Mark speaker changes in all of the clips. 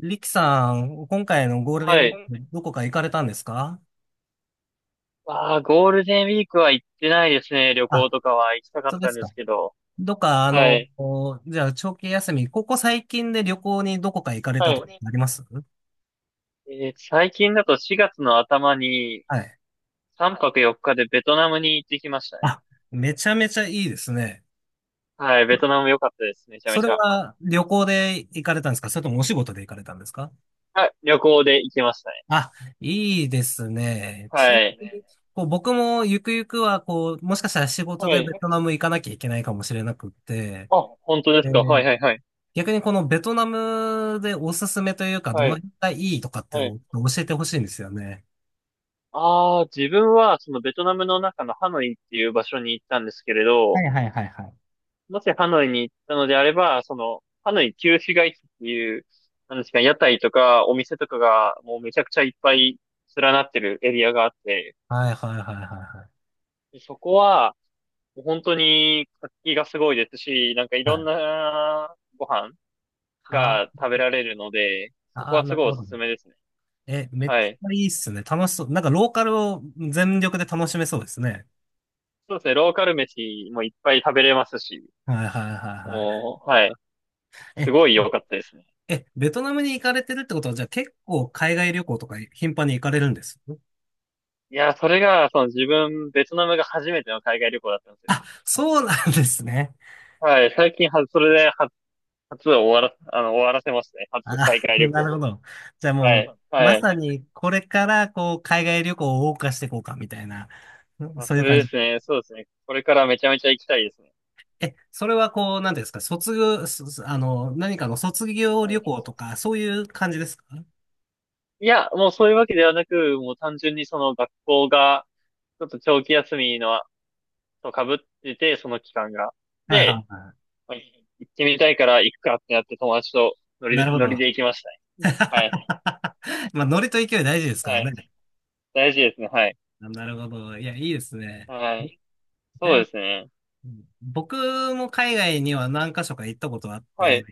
Speaker 1: リキさん、今回のゴールデンウ
Speaker 2: は
Speaker 1: ィー
Speaker 2: い。
Speaker 1: ク、どこか行かれたんですか？
Speaker 2: ああ、ゴールデンウィークは行ってないですね。旅行
Speaker 1: あ、
Speaker 2: とかは行き
Speaker 1: 本
Speaker 2: たかっ
Speaker 1: 当で
Speaker 2: たん
Speaker 1: す
Speaker 2: で
Speaker 1: か。
Speaker 2: すけど。
Speaker 1: どっか、
Speaker 2: はい。
Speaker 1: こうじゃあ、長期休み、ここ最近で旅行にどこか行かれ
Speaker 2: は
Speaker 1: たとか
Speaker 2: い。
Speaker 1: あります？
Speaker 2: 最近だと4月の頭に
Speaker 1: はい。
Speaker 2: 3泊4日でベトナムに行ってきましたね。
Speaker 1: あ、めちゃめちゃいいですね。
Speaker 2: はい。ベトナム良かったですね。めちゃめ
Speaker 1: それ
Speaker 2: ちゃ。
Speaker 1: は旅行で行かれたんですか、それともお仕事で行かれたんですか？
Speaker 2: はい。旅行で行きましたね。
Speaker 1: あ、いいですね。
Speaker 2: は
Speaker 1: ちな
Speaker 2: い。
Speaker 1: みに、こう、僕もゆくゆくは、こう、もしかしたら仕事
Speaker 2: は
Speaker 1: で
Speaker 2: い。
Speaker 1: ベトナム行かなきゃいけないかもしれなくって、
Speaker 2: あ、本当です
Speaker 1: え
Speaker 2: か。はいはいはい。
Speaker 1: 逆にこのベトナムでおすすめというか、ど
Speaker 2: は
Speaker 1: の
Speaker 2: い。
Speaker 1: 辺がいいとかって
Speaker 2: はい。
Speaker 1: お教えてほしいんですよね。
Speaker 2: ああ、自分はそのベトナムの中のハノイっていう場所に行ったんですけれ
Speaker 1: はい
Speaker 2: ど、
Speaker 1: はいはいはい。
Speaker 2: もしハノイに行ったのであれば、ハノイ旧市街地っていう、なんですか、屋台とかお店とかがもうめちゃくちゃいっぱい連なってるエリアがあって、
Speaker 1: はいはいはいはいは
Speaker 2: でそこは、もう本当に活気がすごいですし、なんかい
Speaker 1: い。
Speaker 2: ろ
Speaker 1: は
Speaker 2: ん
Speaker 1: い。
Speaker 2: なご飯
Speaker 1: は
Speaker 2: が食べられるので、そこ
Speaker 1: あ、あ
Speaker 2: は
Speaker 1: ー、な
Speaker 2: す
Speaker 1: る
Speaker 2: ごいお
Speaker 1: ほど。
Speaker 2: すすめですね。
Speaker 1: え、めっち
Speaker 2: はい。
Speaker 1: ゃいいっすね。楽しそう。なんかローカルを全力で楽しめそうですね。
Speaker 2: そうですね、ローカル飯もいっぱい食べれますし、
Speaker 1: はいはいはい
Speaker 2: もう、はい。
Speaker 1: はい。
Speaker 2: す
Speaker 1: え、
Speaker 2: ごい良かったですね。
Speaker 1: え、ベトナムに行かれてるってことは、じゃあ結構海外旅行とか頻繁に行かれるんです？
Speaker 2: いや、それが、その自分、ベトナムが初めての海外旅行だったんですよ。
Speaker 1: あ、そうなんですね。
Speaker 2: はい、最近は、それで初、初を終わら、あの、終わらせましたね。
Speaker 1: ああ、
Speaker 2: 初海 外旅行
Speaker 1: なるほ
Speaker 2: を。
Speaker 1: ど。じゃあ
Speaker 2: は
Speaker 1: も
Speaker 2: い、
Speaker 1: う、ま
Speaker 2: はい。
Speaker 1: さにこれからこう、海外旅行を謳歌していこうか、みたいな、うん
Speaker 2: あ、
Speaker 1: そうい
Speaker 2: そ
Speaker 1: う
Speaker 2: れ
Speaker 1: 感
Speaker 2: で
Speaker 1: じ。
Speaker 2: すね。そうですね。これからめちゃめちゃ行きたいですね。
Speaker 1: え、それはこう、なんていうんですか、卒業、す何かの卒業
Speaker 2: は
Speaker 1: 旅行と
Speaker 2: い。
Speaker 1: か、そういう感じですか？は
Speaker 2: いや、もうそういうわけではなく、もう単純にその学校が、ちょっと長期休みの、と被ってて、その期間が。
Speaker 1: いはい
Speaker 2: で、
Speaker 1: は
Speaker 2: まあ行ってみたいから行くかってなって友達と
Speaker 1: い。なるほ
Speaker 2: 乗り
Speaker 1: ど。
Speaker 2: で行きましたね。はい。
Speaker 1: まあ、ノリと勢い大事ですから
Speaker 2: はい。
Speaker 1: ね。
Speaker 2: 大事ですね。はい。
Speaker 1: なるほど。いや、いいですね。
Speaker 2: はい。そう
Speaker 1: ね、
Speaker 2: ですね。
Speaker 1: 僕も海外には何か所か行ったことあっ
Speaker 2: はい。
Speaker 1: て、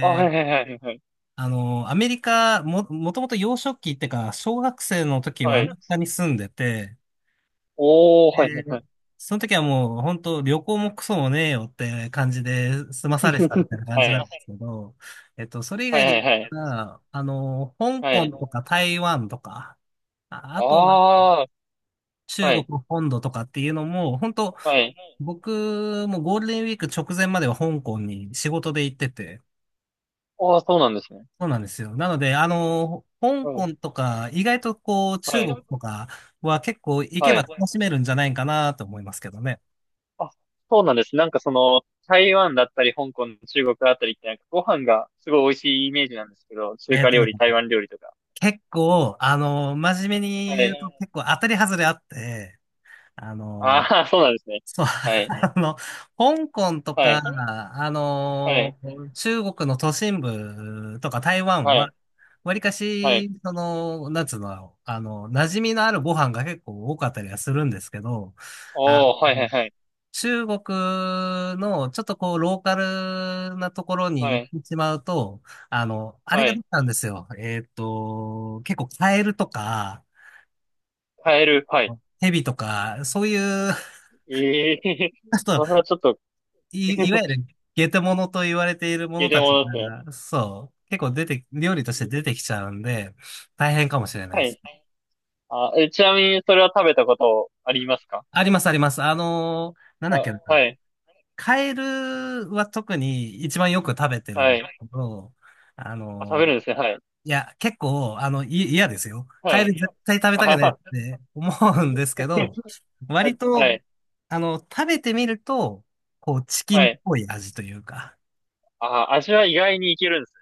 Speaker 2: あ、はいはいはいはい。
Speaker 1: アメリカ、も、もともと幼少期ってか、小学生の時は
Speaker 2: は
Speaker 1: アメ
Speaker 2: い。
Speaker 1: リカに住んでて、
Speaker 2: おー、はいは
Speaker 1: で
Speaker 2: い。
Speaker 1: その時はもう本当旅行もクソもねえよって感じで済
Speaker 2: は
Speaker 1: ま
Speaker 2: す
Speaker 1: され
Speaker 2: い
Speaker 1: てたみたいな感
Speaker 2: ま
Speaker 1: じなん
Speaker 2: い。
Speaker 1: で
Speaker 2: せ
Speaker 1: す
Speaker 2: ん
Speaker 1: けど、それ以
Speaker 2: は
Speaker 1: 外で言
Speaker 2: い
Speaker 1: っ
Speaker 2: はいはい。
Speaker 1: たら、香
Speaker 2: はあ
Speaker 1: 港
Speaker 2: い。の
Speaker 1: とか台湾とか、あ、あとは
Speaker 2: ああ、
Speaker 1: 中
Speaker 2: は
Speaker 1: 国
Speaker 2: い。
Speaker 1: 本土とかっていうのも、本当
Speaker 2: はい。
Speaker 1: 僕もゴールデンウィーク直前までは香港に仕事で行ってて、
Speaker 2: ああ、そうなんですね。
Speaker 1: そうなんですよ。なので、香
Speaker 2: う
Speaker 1: 港
Speaker 2: ん。
Speaker 1: とか、意外とこう、
Speaker 2: は
Speaker 1: 中
Speaker 2: 違い。
Speaker 1: 国
Speaker 2: うと
Speaker 1: とかは結構行け
Speaker 2: は
Speaker 1: ば
Speaker 2: い。ごめんな
Speaker 1: 楽
Speaker 2: さ
Speaker 1: しめ
Speaker 2: い
Speaker 1: るんじゃないかなと思いますけどね。
Speaker 2: あ、そうなんです。なんかその、台湾だったり、香港、中国あたりって、なんかご飯がすごい美味しいイメージなんですけど、中
Speaker 1: えっ
Speaker 2: 華
Speaker 1: と
Speaker 2: 料
Speaker 1: ね、
Speaker 2: 理、台湾料理とか。
Speaker 1: 結構、真面目
Speaker 2: は
Speaker 1: に
Speaker 2: い。
Speaker 1: 言うと
Speaker 2: ね
Speaker 1: 結構当たり外れあって、あ
Speaker 2: あ
Speaker 1: の、
Speaker 2: あ、そうなんですね。
Speaker 1: そう、
Speaker 2: はい。
Speaker 1: あの、香港とか、
Speaker 2: はい。これ
Speaker 1: あ
Speaker 2: はい。
Speaker 1: の、中国の都心部とか台湾
Speaker 2: はい。
Speaker 1: は、わりか
Speaker 2: はい。
Speaker 1: し、その、なんつうの、馴染みのあるご飯が結構多かったりはするんですけど、あ
Speaker 2: おー、はいはい
Speaker 1: の
Speaker 2: はい。
Speaker 1: 中国のちょっとこうローカルなところに
Speaker 2: は
Speaker 1: 行
Speaker 2: い。
Speaker 1: ってしまうと、あれ
Speaker 2: は
Speaker 1: が出
Speaker 2: い。
Speaker 1: たんですよ。結構カエルとか、
Speaker 2: カエル、はい。
Speaker 1: ヘビとか、そういう、
Speaker 2: ええー
Speaker 1: ちょっと
Speaker 2: それはちょっと
Speaker 1: い、いわ ゆるゲテモノと言われているも
Speaker 2: いや、
Speaker 1: の
Speaker 2: で
Speaker 1: たち
Speaker 2: もです
Speaker 1: が、そう、結構出て、料理として出
Speaker 2: ね。
Speaker 1: てきちゃうんで、大変かもしれない
Speaker 2: は
Speaker 1: です。
Speaker 2: い。あ、え、ちなみにそれは食べたことありますか？
Speaker 1: ありますあります。なん
Speaker 2: あ、
Speaker 1: だっけな。
Speaker 2: はい、
Speaker 1: カエルは特に一番よく食べてる
Speaker 2: は
Speaker 1: んで
Speaker 2: い。
Speaker 1: すけど、あ
Speaker 2: あ、食
Speaker 1: の、
Speaker 2: べるんですね、はい。
Speaker 1: 結構、い嫌ですよ。
Speaker 2: は
Speaker 1: カエ
Speaker 2: い。
Speaker 1: ル絶対食べ
Speaker 2: あ
Speaker 1: たく
Speaker 2: は
Speaker 1: ないっ
Speaker 2: は、
Speaker 1: て思うんですけど、割
Speaker 2: は
Speaker 1: と、
Speaker 2: い、
Speaker 1: 食べてみると、こう、チキ
Speaker 2: は
Speaker 1: ンっ
Speaker 2: い。
Speaker 1: ぽい味というか、
Speaker 2: あ、味は意外にいけるんです。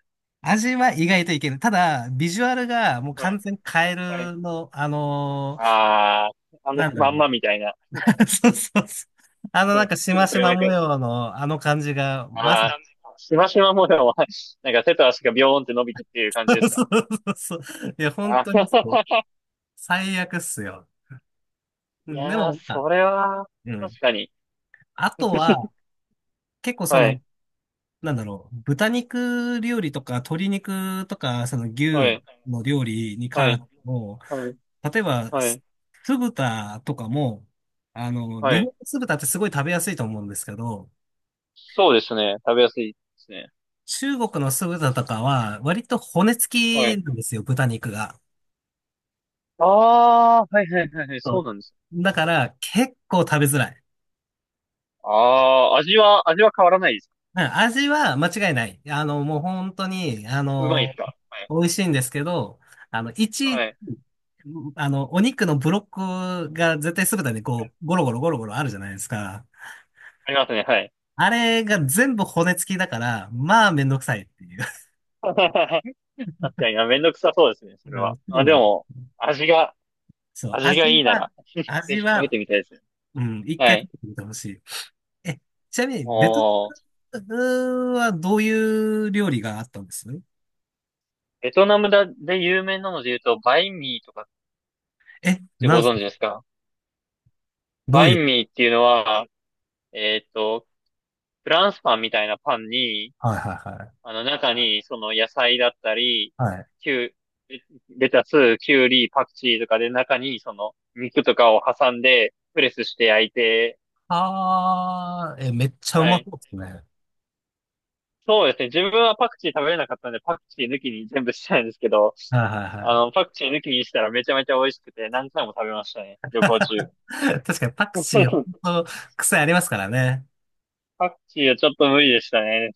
Speaker 1: 味は意外といける。ただ、ビジュアルがもう
Speaker 2: は
Speaker 1: 完
Speaker 2: い、
Speaker 1: 全にカエ
Speaker 2: はい。
Speaker 1: ルの、
Speaker 2: あー、
Speaker 1: なんだ
Speaker 2: まん
Speaker 1: ろ
Speaker 2: まみたいな。
Speaker 1: う。そうそうそう。
Speaker 2: そ
Speaker 1: な
Speaker 2: の
Speaker 1: んか、しま
Speaker 2: 姿
Speaker 1: し
Speaker 2: がな
Speaker 1: ま
Speaker 2: んか、
Speaker 1: 模様のあの感じが、まさに、
Speaker 2: あー、しましま模様 なんか手と足がビョーンって伸びてっていう感じです か？
Speaker 1: そうそうそうそう。いや、
Speaker 2: あ
Speaker 1: 本
Speaker 2: はは
Speaker 1: 当にそう。
Speaker 2: は
Speaker 1: 最悪っすよ。う
Speaker 2: い
Speaker 1: んで
Speaker 2: やー、
Speaker 1: も、まあ、
Speaker 2: それは、
Speaker 1: うん。
Speaker 2: 確かに。
Speaker 1: あとは、結構そ
Speaker 2: はい、
Speaker 1: の、なんだろう、豚肉料理とか鶏肉とか、その
Speaker 2: は
Speaker 1: 牛
Speaker 2: い、
Speaker 1: の料理に
Speaker 2: は
Speaker 1: 関
Speaker 2: い、
Speaker 1: しても、
Speaker 2: はい、
Speaker 1: 例えば、
Speaker 2: は
Speaker 1: す
Speaker 2: い、
Speaker 1: 酢豚とかも、
Speaker 2: は
Speaker 1: 日本
Speaker 2: い。
Speaker 1: の酢豚ってすごい食べやすいと思うんですけど、
Speaker 2: そうですね。食べやすいですね。
Speaker 1: 中国の酢豚とかは割と骨
Speaker 2: は
Speaker 1: 付
Speaker 2: い。
Speaker 1: きなんですよ、豚肉が。
Speaker 2: ああー、はいはいはいはい、
Speaker 1: そ
Speaker 2: そう
Speaker 1: う
Speaker 2: なんです。
Speaker 1: だから結構食べづらい。
Speaker 2: ああ、味は変わらないですか？
Speaker 1: うん味は間違いない。もう本当に、
Speaker 2: うまいですか？はい。
Speaker 1: 美味しいんですけど、あの、
Speaker 2: は
Speaker 1: 一、
Speaker 2: い。
Speaker 1: あの、お肉のブロックが絶対酢てでこう、ゴロゴロゴロゴロあるじゃないですか。
Speaker 2: ありますね、はい。
Speaker 1: あれが全部骨付きだから、まあめんどくさいっていう。
Speaker 2: 確かにな、あめんどくさそうですね、そ れ
Speaker 1: うん、
Speaker 2: は。
Speaker 1: そう
Speaker 2: あ、
Speaker 1: な
Speaker 2: で
Speaker 1: んで
Speaker 2: も、
Speaker 1: す。
Speaker 2: 味が、
Speaker 1: そう、
Speaker 2: 味がいいなら、ぜ
Speaker 1: 味
Speaker 2: ひ食べ
Speaker 1: は、
Speaker 2: てみたいですね。
Speaker 1: うん、一
Speaker 2: は
Speaker 1: 回食
Speaker 2: い。
Speaker 1: べてみてほしい。え、ちなみに、ベト
Speaker 2: おー、
Speaker 1: ナムはどういう料理があったんです？
Speaker 2: ベトナムだ、で有名なので言うと、バインミーとかっ
Speaker 1: え、
Speaker 2: て
Speaker 1: なん
Speaker 2: ご
Speaker 1: です
Speaker 2: 存
Speaker 1: か？
Speaker 2: 知ですか？
Speaker 1: どう
Speaker 2: バ
Speaker 1: い
Speaker 2: イ
Speaker 1: う？
Speaker 2: ンミーっていうのは、えっと、フランスパンみたいなパンに、
Speaker 1: はいは
Speaker 2: あ
Speaker 1: い
Speaker 2: の中に、その野菜だったり、
Speaker 1: はい。
Speaker 2: キュレレタス、キュウリ、パクチーとかで中に、その肉とかを挟んで、プレスして焼いて、
Speaker 1: あー、え、めっちゃう
Speaker 2: は
Speaker 1: まそ
Speaker 2: い。
Speaker 1: うですね。
Speaker 2: そうですね。自分はパクチー食べれなかったんで、パクチー抜きに全部したんですけど、
Speaker 1: はいはいは
Speaker 2: パクチー抜きにしたらめちゃめちゃ美味しくて、何回も食べましたね。旅行中。
Speaker 1: い。確かにパクチー、ほ んと、癖ありますからね。
Speaker 2: パクチーはちょっと無理でしたね。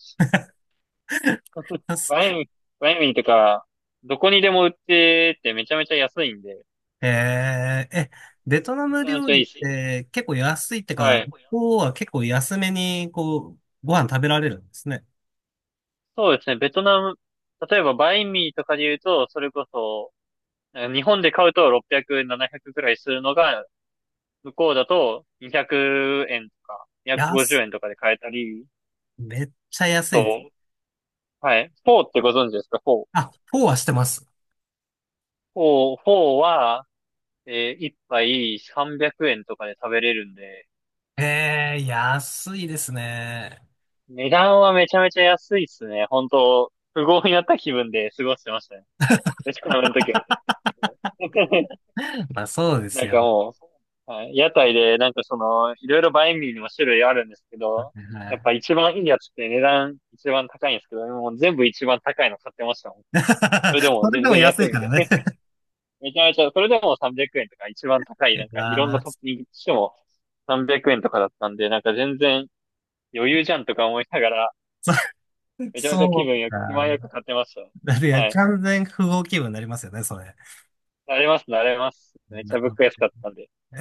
Speaker 2: バイン、バインミーとか、どこにでも売っててめちゃめちゃ安いんで、
Speaker 1: えー、え、ベトナ
Speaker 2: め
Speaker 1: ム
Speaker 2: ちゃめ
Speaker 1: 料
Speaker 2: ちゃ
Speaker 1: 理
Speaker 2: いい
Speaker 1: っ
Speaker 2: ですよ。
Speaker 1: て結構安いって
Speaker 2: は
Speaker 1: か、こ
Speaker 2: い。
Speaker 1: こは結構安めに、こう、ご飯食べられるんですね。
Speaker 2: そうですね。ベトナム、例えばバインミーとかで言うと、それこそ、なんか日本で買うと600、700くらいするのが、向こうだと200円とか、
Speaker 1: 安、
Speaker 2: 250円とかで買えたり、
Speaker 1: めっちゃ安いです。
Speaker 2: と、はい。フォーってご存知ですか？フォー。
Speaker 1: あ、フォーはしてます。
Speaker 2: フォーは、1杯300円とかで食べれるんで、
Speaker 1: えー、安いですね。
Speaker 2: 値段はめちゃめちゃ安いっすね。本当富豪になった気分で過ごしてましたね。飯食うの時は。
Speaker 1: まあそうで
Speaker 2: な
Speaker 1: す
Speaker 2: ん
Speaker 1: よ
Speaker 2: か
Speaker 1: ね。
Speaker 2: もう、はい屋台で、なんかその、いろいろバインミーにも種類あるんですけ
Speaker 1: は
Speaker 2: ど、やっ
Speaker 1: い
Speaker 2: ぱ一番いいやつって値段一番高いんですけど、もう全部一番高いの買ってましたもん。それで も
Speaker 1: それ
Speaker 2: 全
Speaker 1: でも
Speaker 2: 然安
Speaker 1: 安い
Speaker 2: いん
Speaker 1: から
Speaker 2: で。
Speaker 1: ね。
Speaker 2: めちゃめちゃ、それでも300円とか一番高い、な
Speaker 1: い
Speaker 2: んかいろん
Speaker 1: や
Speaker 2: なトッ
Speaker 1: ー
Speaker 2: ピングしても300円とかだったんで、なんか全然余裕じゃんとか思いながら、めちゃめちゃ
Speaker 1: そうか。
Speaker 2: 気前よく買ってました。
Speaker 1: だっていや、
Speaker 2: はい。
Speaker 1: 完全不合気分になりますよね、それ。
Speaker 2: 慣れます、慣れます。めっち
Speaker 1: な
Speaker 2: ゃ
Speaker 1: る
Speaker 2: 物
Speaker 1: ほど。
Speaker 2: 価安かったんで。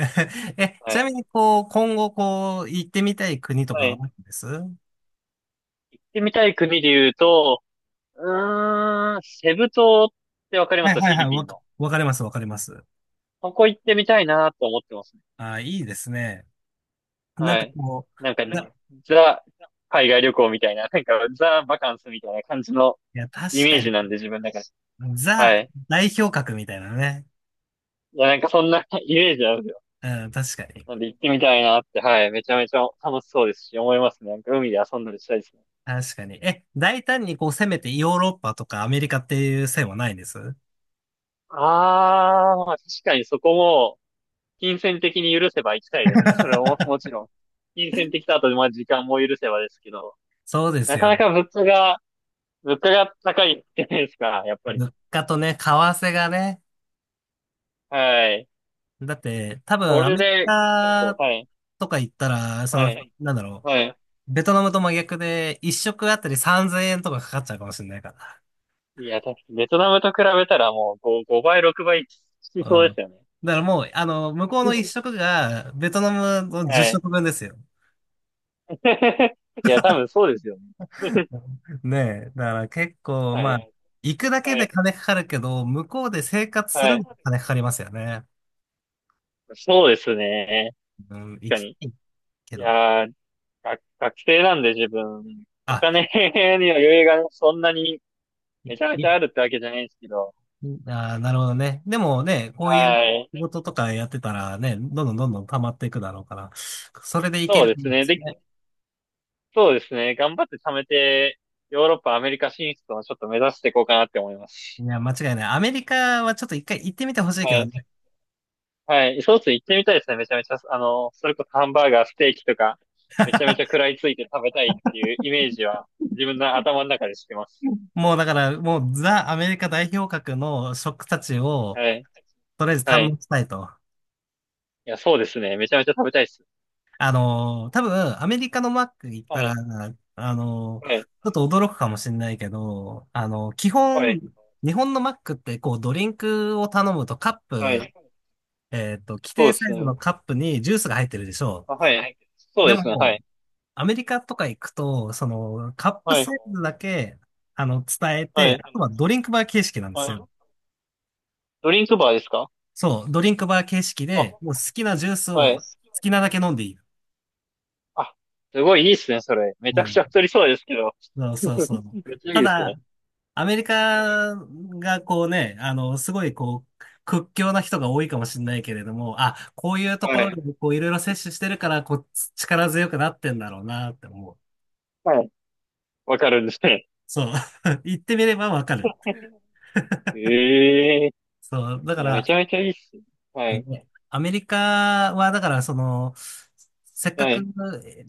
Speaker 1: え、
Speaker 2: は
Speaker 1: ちな
Speaker 2: い。
Speaker 1: みに、こう、今後、こう、行ってみたい国と
Speaker 2: は
Speaker 1: かはあ
Speaker 2: い。
Speaker 1: る
Speaker 2: 行
Speaker 1: んです？は
Speaker 2: ってみたい国で言うと、セブ島ってわかり
Speaker 1: い
Speaker 2: ます？フ
Speaker 1: はい
Speaker 2: ィ
Speaker 1: は
Speaker 2: リ
Speaker 1: い、
Speaker 2: ピ
Speaker 1: わ
Speaker 2: ン
Speaker 1: か、
Speaker 2: の。
Speaker 1: わかります、わかります。
Speaker 2: ここ行ってみたいなと思ってますね。
Speaker 1: ああ、いいですね。なん
Speaker 2: は
Speaker 1: か
Speaker 2: い。
Speaker 1: こ
Speaker 2: なんか、
Speaker 1: う、な、い
Speaker 2: ザ、海外旅行みたいな、なんか、ザ・バカンスみたいな感じの
Speaker 1: や、
Speaker 2: イ
Speaker 1: 確
Speaker 2: メー
Speaker 1: か
Speaker 2: ジなん
Speaker 1: に、
Speaker 2: で、自分の中で。は
Speaker 1: ザ
Speaker 2: い。
Speaker 1: 代表格みたいなね。
Speaker 2: いや、なんかそんな イメージなんですよ。
Speaker 1: うん、確かに。
Speaker 2: なんで行ってみたいなって、はい。めちゃめちゃ楽しそうですし、思いますね。なんか海で遊んだりしたいですね。
Speaker 1: 確かに。え、大胆にこう攻めてヨーロッパとかアメリカっていう線はないんです？
Speaker 2: あー、まあ確かにそこも、金銭的に許せば行きたいですね。それも、もちろん。金銭的とあと、まあ時間も許せばですけど。
Speaker 1: そうです
Speaker 2: なか
Speaker 1: よ
Speaker 2: な
Speaker 1: ね。
Speaker 2: か物価が高いじゃないですか、やっぱり。
Speaker 1: 物価とね、為替がね、
Speaker 2: はい。
Speaker 1: だって、多分
Speaker 2: そ
Speaker 1: ア
Speaker 2: れ
Speaker 1: メリ
Speaker 2: で、ちょっ
Speaker 1: カ
Speaker 2: と、はい、
Speaker 1: とか行ったら、そ
Speaker 2: は
Speaker 1: の、
Speaker 2: い、
Speaker 1: なんだろ
Speaker 2: はい。
Speaker 1: う、ベトナムと真逆で、一食あたり3000円とかかかっちゃうかもしれないから。
Speaker 2: いや、確かにベトナムと比べたらもう5、6倍
Speaker 1: う
Speaker 2: しそうで
Speaker 1: ん。
Speaker 2: すよね。
Speaker 1: だからもう、向こうの一食が、ベトナムの10
Speaker 2: はい。
Speaker 1: 食分ですよ。
Speaker 2: いや、多分そうですよね。
Speaker 1: ねえ。だから結構、
Speaker 2: は
Speaker 1: まあ、
Speaker 2: い、
Speaker 1: 行くだけ
Speaker 2: は
Speaker 1: で
Speaker 2: い、
Speaker 1: 金かかるけど、向こうで生活す
Speaker 2: は
Speaker 1: るの
Speaker 2: い。
Speaker 1: に金かかりますよね。
Speaker 2: そうですね。
Speaker 1: うん、
Speaker 2: 確
Speaker 1: 行
Speaker 2: か
Speaker 1: きた
Speaker 2: に。
Speaker 1: いけ
Speaker 2: い
Speaker 1: ど。
Speaker 2: やー、学生なんで自分、お
Speaker 1: あ、
Speaker 2: 金 には余裕がそんなにめちゃめちゃあるってわけじゃないんですけど。
Speaker 1: ああー、なるほどね。でもね、こういう
Speaker 2: は
Speaker 1: 仕
Speaker 2: い。
Speaker 1: 事とかやってたらね、どんどんどんどん溜まっていくだろうから、それでいけ
Speaker 2: そう
Speaker 1: る
Speaker 2: で
Speaker 1: といい
Speaker 2: す
Speaker 1: んで
Speaker 2: ね。
Speaker 1: すね。
Speaker 2: そうですね。頑張って貯めて、ヨーロッパ、アメリカ進出をちょっと目指していこうかなって思いま
Speaker 1: い
Speaker 2: す。
Speaker 1: や、間違いない。アメリカはちょっと一回行ってみてほしい
Speaker 2: は
Speaker 1: けど
Speaker 2: い。
Speaker 1: ね。
Speaker 2: はい。ソース行ってみたいですね。めちゃめちゃ、あの、それこそハンバーガー、ステーキとか、めちゃめちゃ食らいついて食べたいっていうイメージは、自分の頭の中でしてます。
Speaker 1: もうだから、もうザ・アメリカ代表格の食たちを、
Speaker 2: はい。
Speaker 1: とりあえず堪
Speaker 2: はい。
Speaker 1: 能したいと。
Speaker 2: いや、そうですね。めちゃめちゃ食べたいです。
Speaker 1: 多分、アメリカのマック行った
Speaker 2: は
Speaker 1: ら、
Speaker 2: い。は
Speaker 1: ち
Speaker 2: い。
Speaker 1: ょっと驚くかもしれないけど、基
Speaker 2: は
Speaker 1: 本、
Speaker 2: い。
Speaker 1: 日本のマックってこうドリンクを頼むとカッ
Speaker 2: は
Speaker 1: プ
Speaker 2: い。
Speaker 1: 規
Speaker 2: そ
Speaker 1: 定
Speaker 2: うで
Speaker 1: サ
Speaker 2: す
Speaker 1: イズの
Speaker 2: ね。
Speaker 1: カップにジュースが入ってるでしょ
Speaker 2: あ、はい。
Speaker 1: う。
Speaker 2: そう
Speaker 1: で
Speaker 2: ですね。は
Speaker 1: も、
Speaker 2: い。
Speaker 1: アメリカとか行くと、その、カップ
Speaker 2: はい。
Speaker 1: サイズだけ、伝え
Speaker 2: は
Speaker 1: て、
Speaker 2: い。
Speaker 1: あとはドリンクバー形式なんで
Speaker 2: は
Speaker 1: すよ。
Speaker 2: い。ドリンクバーですか？
Speaker 1: そう、ドリンクバー形式で、もう
Speaker 2: あ、
Speaker 1: 好きなジュースを
Speaker 2: は
Speaker 1: 好
Speaker 2: い。
Speaker 1: きなだけ飲んでいい。
Speaker 2: あ、すごいいいっすね、それ。めち
Speaker 1: う
Speaker 2: ゃくち
Speaker 1: ん。
Speaker 2: ゃ太りそうですけど。
Speaker 1: そうそうそ う。
Speaker 2: めっちゃい
Speaker 1: た
Speaker 2: いですね。
Speaker 1: だ、アメリカがこうね、すごいこう、屈強な人が多いかもしれないけれども、あ、こういうと
Speaker 2: は
Speaker 1: ころ
Speaker 2: い。
Speaker 1: でこういろいろ摂取してるから、こう、力強くなってんだろうなって思う。
Speaker 2: はい。わかるんですね。
Speaker 1: そう。言ってみればわかる。
Speaker 2: ええ
Speaker 1: そう。だ
Speaker 2: ーい
Speaker 1: か
Speaker 2: や、め
Speaker 1: ら、
Speaker 2: ちゃめちゃいいっすね。はい。
Speaker 1: ねアメリカは、だからその、せっか
Speaker 2: は
Speaker 1: く、
Speaker 2: い。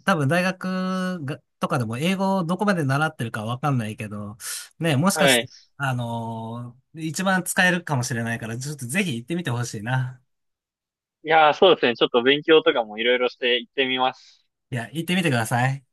Speaker 1: 多分大学がとかでも英語をどこまで習ってるかわかんないけど、ね、もしか
Speaker 2: は
Speaker 1: して、
Speaker 2: い。
Speaker 1: 一番使えるかもしれないから、ちょっとぜひ行ってみてほしいな。
Speaker 2: いやー、そうですね。ちょっと勉強とかもいろいろして行ってみます。
Speaker 1: いや、行ってみてください。